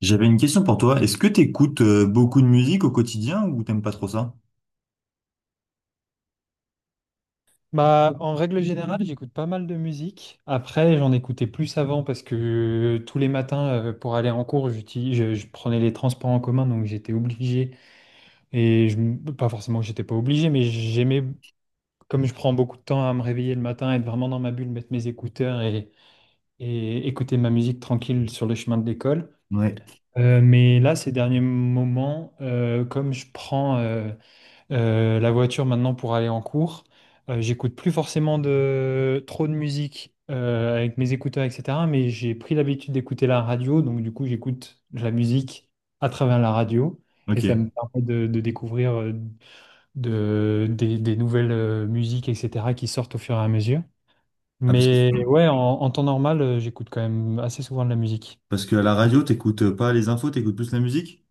J'avais une question pour toi. Est-ce que t'écoutes beaucoup de musique au quotidien ou t'aimes pas trop ça? Bah, en règle générale, j'écoute pas mal de musique. Après, j'en écoutais plus avant parce que tous les matins, pour aller en cours, je prenais les transports en commun, donc j'étais obligé. Pas forcément que j'étais pas obligé, mais j'aimais, comme je prends beaucoup de temps à me réveiller le matin, être vraiment dans ma bulle, mettre mes écouteurs et écouter ma musique tranquille sur le chemin de l'école. Ouais. Mais là, ces derniers moments, comme je prends la voiture maintenant pour aller en cours. J'écoute plus forcément de trop de musique avec mes écouteurs, etc. Mais j'ai pris l'habitude d'écouter la radio, donc du coup j'écoute de la musique à travers la radio et Ok. ça me permet de découvrir des nouvelles musiques, etc. qui sortent au fur et à mesure. Ah, parce que, Mais ouais, en temps normal, j'écoute quand même assez souvent de la musique. parce que à la radio, t'écoutes pas les infos, t'écoutes plus la musique?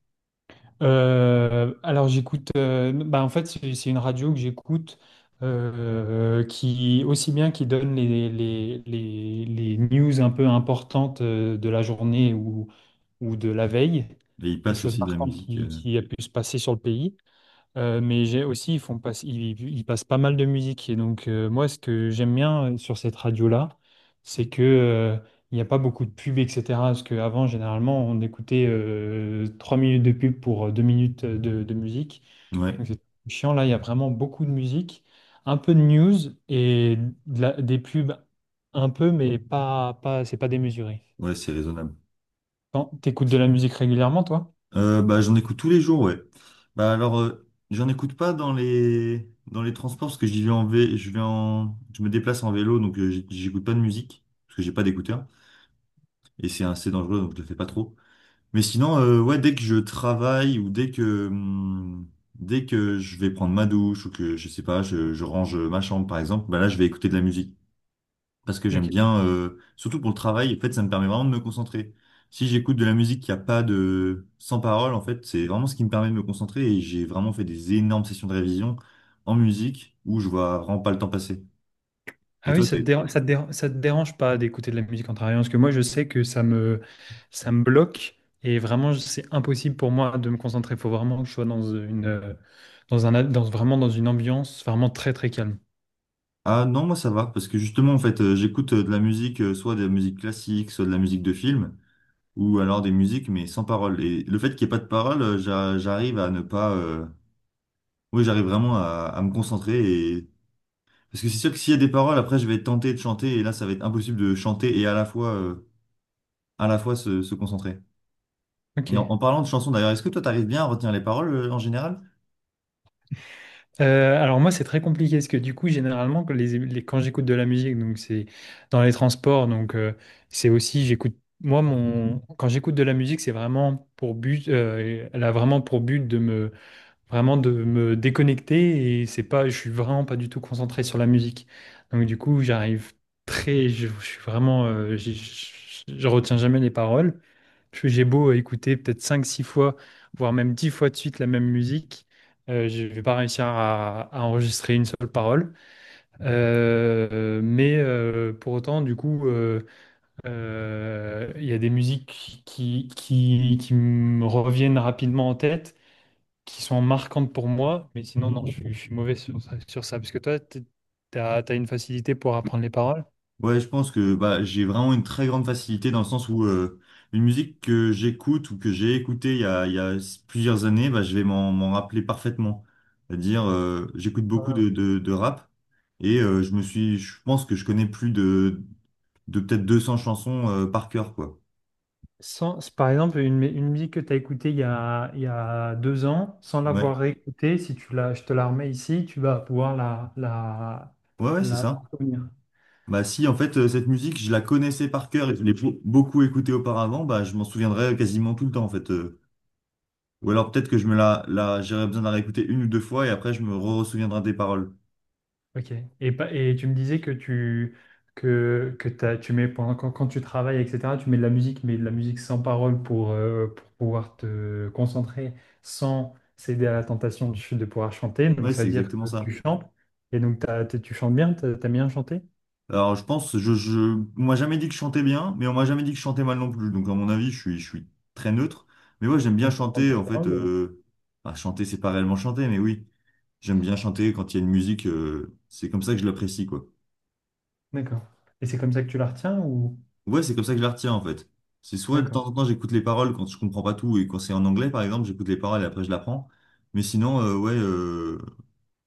Alors, bah en fait c'est une radio que j'écoute qui aussi bien qui donne les news un peu importantes de la journée ou de la veille, Et il les passe choses aussi de la marquantes musique. qui, qui a pu se passer sur le pays. Mais j'ai aussi, ils font pas, ils passent pas mal de musique. Et donc, moi, ce que j'aime bien sur cette radio-là, c'est que, il n'y a pas beaucoup de pubs, etc. Parce qu'avant, généralement, on écoutait 3 minutes de pub pour 2 minutes de musique. Ouais, Donc, c'est chiant. Là, il y a vraiment beaucoup de musique, un peu de news et des pubs un peu, mais pas, c'est pas démesuré. ouais, c'est raisonnable. Quand t'écoutes de la musique régulièrement, toi? Bah, j'en écoute tous les jours, ouais. Bah, alors, j'en écoute pas dans les, dans les transports parce que j'y vais en je vais en, je me déplace en vélo, donc j'écoute pas de musique parce que j'ai pas d'écouteur et c'est assez dangereux, donc je le fais pas trop. Mais sinon, ouais, dès que je travaille ou dès que je vais prendre ma douche ou que, je sais pas, je range ma chambre par exemple, bah là, je vais écouter de la musique. Parce que j'aime Ok. bien, surtout pour le travail, en fait, ça me permet vraiment de me concentrer. Si j'écoute de la musique qui a pas de, sans parole, en fait, c'est vraiment ce qui me permet de me concentrer et j'ai vraiment fait des énormes sessions de révision en musique où je vois vraiment pas le temps passer. Et Ah oui, toi, ça te t'es... dérange, ça te déra- ça te dérange pas d'écouter de la musique en travaillant? Parce que moi, je sais que ça me bloque et vraiment, c'est impossible pour moi de me concentrer. Il faut vraiment que je sois dans une, dans un, a- dans, vraiment dans une ambiance vraiment très, très calme. Ah non, moi ça va, parce que justement, en fait, j'écoute de la musique, soit de la musique classique, soit de la musique de film, ou alors des musiques mais sans parole. Et le fait qu'il n'y ait pas de parole, j'arrive à ne pas... oui, j'arrive vraiment à me concentrer et... Parce que c'est sûr que s'il y a des paroles, après je vais tenter de chanter et là ça va être impossible de chanter et à la fois se concentrer. Et en, en Ok. parlant de chansons d'ailleurs, est-ce que toi t'arrives bien à retenir les paroles en général? Alors moi, c'est très compliqué parce que du coup, généralement, quand j'écoute de la musique, donc c'est dans les transports, donc c'est aussi, j'écoute, moi, mon, quand j'écoute de la musique, c'est vraiment elle a vraiment pour but de me vraiment de me déconnecter et c'est pas, je suis vraiment pas du tout concentré sur la musique. Donc du coup, j'arrive très, je suis vraiment, j'ai- je retiens jamais les paroles. J'ai beau écouter peut-être cinq six fois, voire même 10 fois de suite la même musique, je vais pas réussir à enregistrer une seule parole. Mais pour autant, du coup, il y a des musiques qui me reviennent rapidement en tête qui sont marquantes pour moi, mais sinon, non, je suis mauvais sur ça. Parce que toi, tu as, une facilité pour apprendre les paroles. Ouais, je pense que bah, j'ai vraiment une très grande facilité dans le sens où une musique que j'écoute ou que j'ai écoutée il y a plusieurs années, bah, je vais m'en rappeler parfaitement. C'est-à-dire, j'écoute beaucoup Voilà. de, de rap et je pense que je connais plus de peut-être 200 chansons par cœur, quoi. Sans, C'est par exemple, une musique que tu as écoutée il y a 2 ans, sans Ouais, l'avoir réécoutée, si tu la, je te la remets ici, tu vas pouvoir la, la, ouais, ouais, c'est la ça. t'en souvenir. Bah si, en fait, cette musique, je la connaissais par cœur et je l'ai beaucoup écoutée auparavant, bah je m'en souviendrai quasiment tout le temps, en fait. Ou alors peut-être que je me j'aurais besoin de la réécouter une ou deux fois et après je me re-souviendrai des paroles. Ok. Et tu me disais que tu tu mets pendant quand tu travailles, etc., tu mets de la musique, mais de la musique sans parole pour pouvoir te concentrer sans céder à la tentation de pouvoir chanter. Donc Ouais, ça c'est veut dire exactement que tu ça. chantes. Et donc tu chantes bien, t'aimes bien chanté. Alors je pense, on m'a jamais dit que je chantais bien, mais on m'a jamais dit que je chantais mal non plus. Donc à mon avis, je suis très neutre. Mais ouais, j'aime bien chanter en fait. Bah, chanter, c'est pas réellement chanter, mais oui, j'aime bien chanter quand il y a une musique. C'est comme ça que je l'apprécie quoi. D'accord. Et c'est comme ça que tu la retiens ou? Ouais, c'est comme ça que je la retiens en fait. C'est soit de D'accord. temps en temps j'écoute les paroles quand je comprends pas tout et quand c'est en anglais par exemple, j'écoute les paroles et après je l'apprends. Mais sinon, euh, ouais, euh,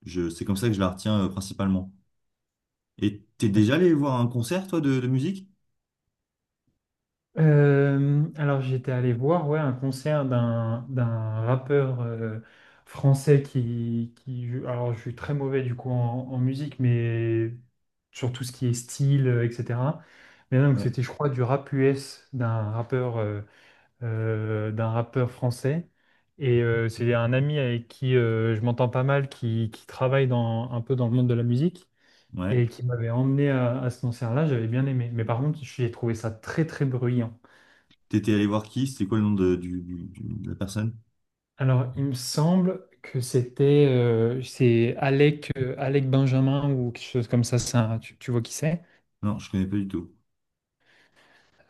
je, c'est comme ça que je la retiens principalement. Et t'es déjà allé voir un concert toi de musique? Alors j'étais allé voir ouais, un concert d'un rappeur français alors je suis très mauvais du coup en musique mais sur tout ce qui est style etc. Mais donc Ouais. c'était je crois du rap US d'un rappeur français et c'est un ami avec qui je m'entends pas mal qui travaille dans un peu dans le monde de la musique Ouais. et qui m'avait emmené à ce concert-là, j'avais bien aimé mais par contre j'ai trouvé ça très très bruyant. T'étais allé voir qui? C'était quoi le nom de, du, de la personne? Alors, il me semble que c'était c'est Alec, Alec Benjamin ou quelque chose comme ça. C'est un- tu vois qui c'est? Non, je connais pas du tout.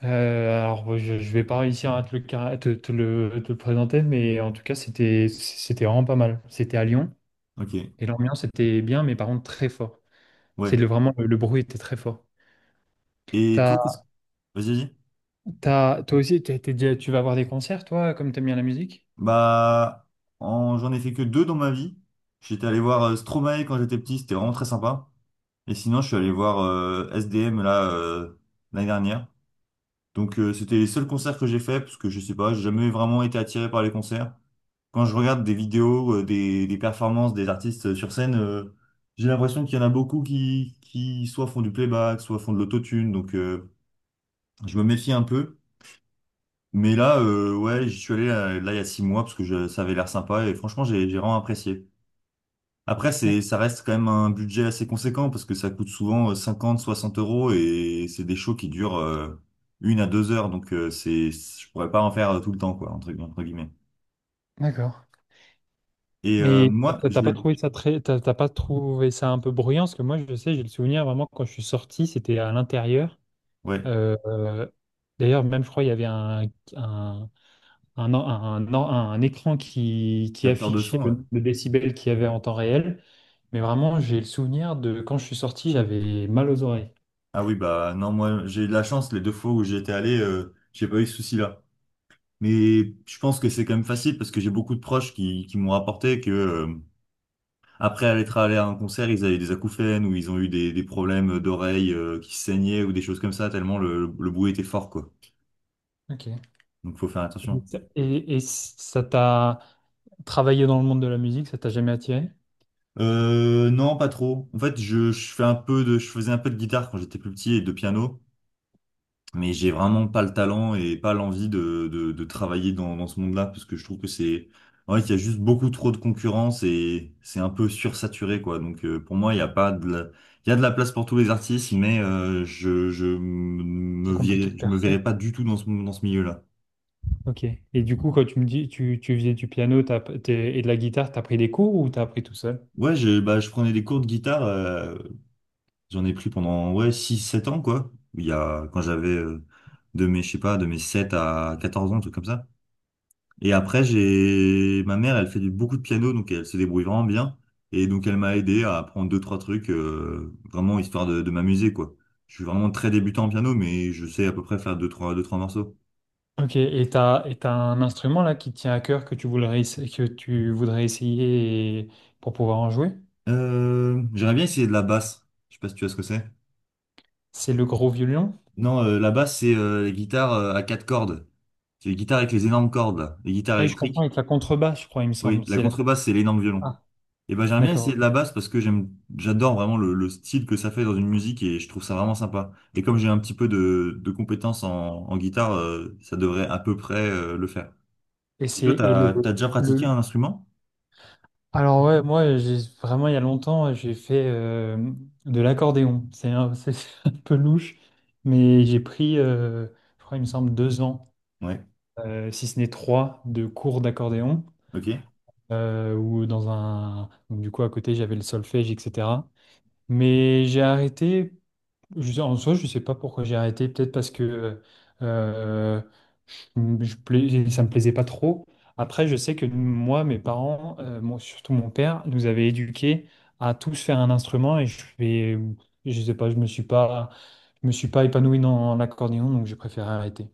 Alors, je vais pas réussir à te le, car- te, te le présenter, mais en tout cas, c'était c'était vraiment pas mal. C'était à Lyon Ok. et l'ambiance était bien, mais par contre très fort. C'est Ouais. le, vraiment le bruit était très fort. Et toi, T'as, qu'est-ce que... Vas-y, vas-y. Toi aussi, tu vas voir des concerts, toi, comme t'aimes bien la musique? Bah, en- j'en ai fait que deux dans ma vie. J'étais allé voir Stromae quand j'étais petit, c'était vraiment très sympa. Et sinon, je suis allé voir SDM là l'année dernière. Donc c'était les seuls concerts que j'ai fait parce que je sais pas, j'ai jamais vraiment été attiré par les concerts. Quand je regarde des vidéos, des performances des artistes sur scène, j'ai l'impression qu'il y en a beaucoup qui soit font du playback, soit font de l'autotune. Donc je me méfie un peu. Mais là, ouais, j'y suis allé là il y a 6 mois parce que ça avait l'air sympa et franchement j'ai vraiment apprécié. Après, Ouais. Ça reste quand même un budget assez conséquent parce que ça coûte souvent 50, 60 euros et c'est des shows qui durent une à 2 heures. Donc, je pourrais pas en faire tout le temps, quoi, entre, entre guillemets. D'accord. Et Mais moi, t'as je t'as pas voulais, trouvé ça très, t'as t'as pas trouvé ça un peu bruyant? Parce que moi, je sais, j'ai le souvenir vraiment quand je suis sorti, c'était à l'intérieur. ouais, Euh, euh, D'ailleurs, même je crois, il y avait un, un écran qui capteur de affichait son, le ouais. nombre de décibels qu'il y avait en temps réel. Mais vraiment, j'ai le souvenir de quand je suis sorti, j'avais mal aux oreilles. Ah oui, bah non, moi, j'ai eu de la chance. Les deux fois où j'étais allé, j'ai pas eu ce souci-là. Mais je pense que c'est quand même facile parce que j'ai beaucoup de proches qui m'ont rapporté que après être allé à un concert, ils avaient des acouphènes ou ils ont eu des problèmes d'oreilles qui saignaient ou des choses comme ça, tellement le bruit était fort, quoi. Ok. Donc faut faire attention. Et ça t'a travaillé dans le monde de la musique, ça t'a jamais attiré? Non, pas trop. En fait, je fais un peu de, je faisais un peu de guitare quand j'étais plus petit et de piano. Mais j'ai vraiment pas le talent et pas l'envie de, de travailler dans, dans ce monde-là parce que je trouve que en fait, il y a juste beaucoup trop de concurrence et c'est un peu sursaturé, quoi. Donc, pour moi, il y a pas de la... il y a de la place pour tous les artistes, mais C'est compliqué de je me percer. verrais pas du tout dans ce milieu-là. Ok. Et du coup, quand tu me dis tu faisais du piano et de la guitare, t'as pris des cours ou t'as appris tout seul? Ouais, je prenais des cours de guitare, j'en ai pris pendant, ouais, 6 7 ans, quoi. Il y a, quand j'avais, je sais pas, de mes 7 à 14 ans, un truc comme ça. Et après, j'ai ma mère, elle fait beaucoup de piano, donc elle se débrouille vraiment bien. Et donc, elle m'a aidé à apprendre deux, trois trucs, vraiment histoire de m'amuser, quoi. Je suis vraiment très débutant en piano, mais je sais à peu près faire deux, trois morceaux. Ok. Et t'as un instrument là qui te tient à cœur que tu voudrais essayer pour pouvoir en jouer? J'aimerais bien essayer de la basse. Je sais pas si tu vois ce que c'est. C'est le gros violon? Non, la basse, c'est les guitares à 4 cordes. C'est les guitares avec les énormes cordes, là. Les guitares Ah, je comprends électriques. avec la contrebasse, je crois, il me Oui, semble. la contrebasse, c'est l'énorme violon. Ah, Et ben j'aime bien essayer d'accord. de la basse parce que j'aime, j'adore vraiment le style que ça fait dans une musique et je trouve ça vraiment sympa. Et comme j'ai un petit peu de compétences en, en guitare, ça devrait à peu près le faire. Et Et c'est toi, et t'as, t'as déjà pratiqué le un instrument? alors ouais, moi j'ai vraiment il y a longtemps j'ai fait de l'accordéon. C'est un peu louche, mais j'ai pris, je crois, il me semble 2 ans. Ouais. Si ce n'est 3, de cours d'accordéon, Ok. Donc, du coup, à côté, j'avais le solfège, etc. Mais j'ai arrêté, je en soi, je ne sais pas pourquoi j'ai arrêté, peut-être parce que euh, ça ne me plaisait pas trop. Après, je sais que moi, mes parents, surtout mon père, nous avaient éduqués à tous faire un instrument et je sais pas, je me suis pas épanoui dans l'accordéon, donc j'ai préféré arrêter.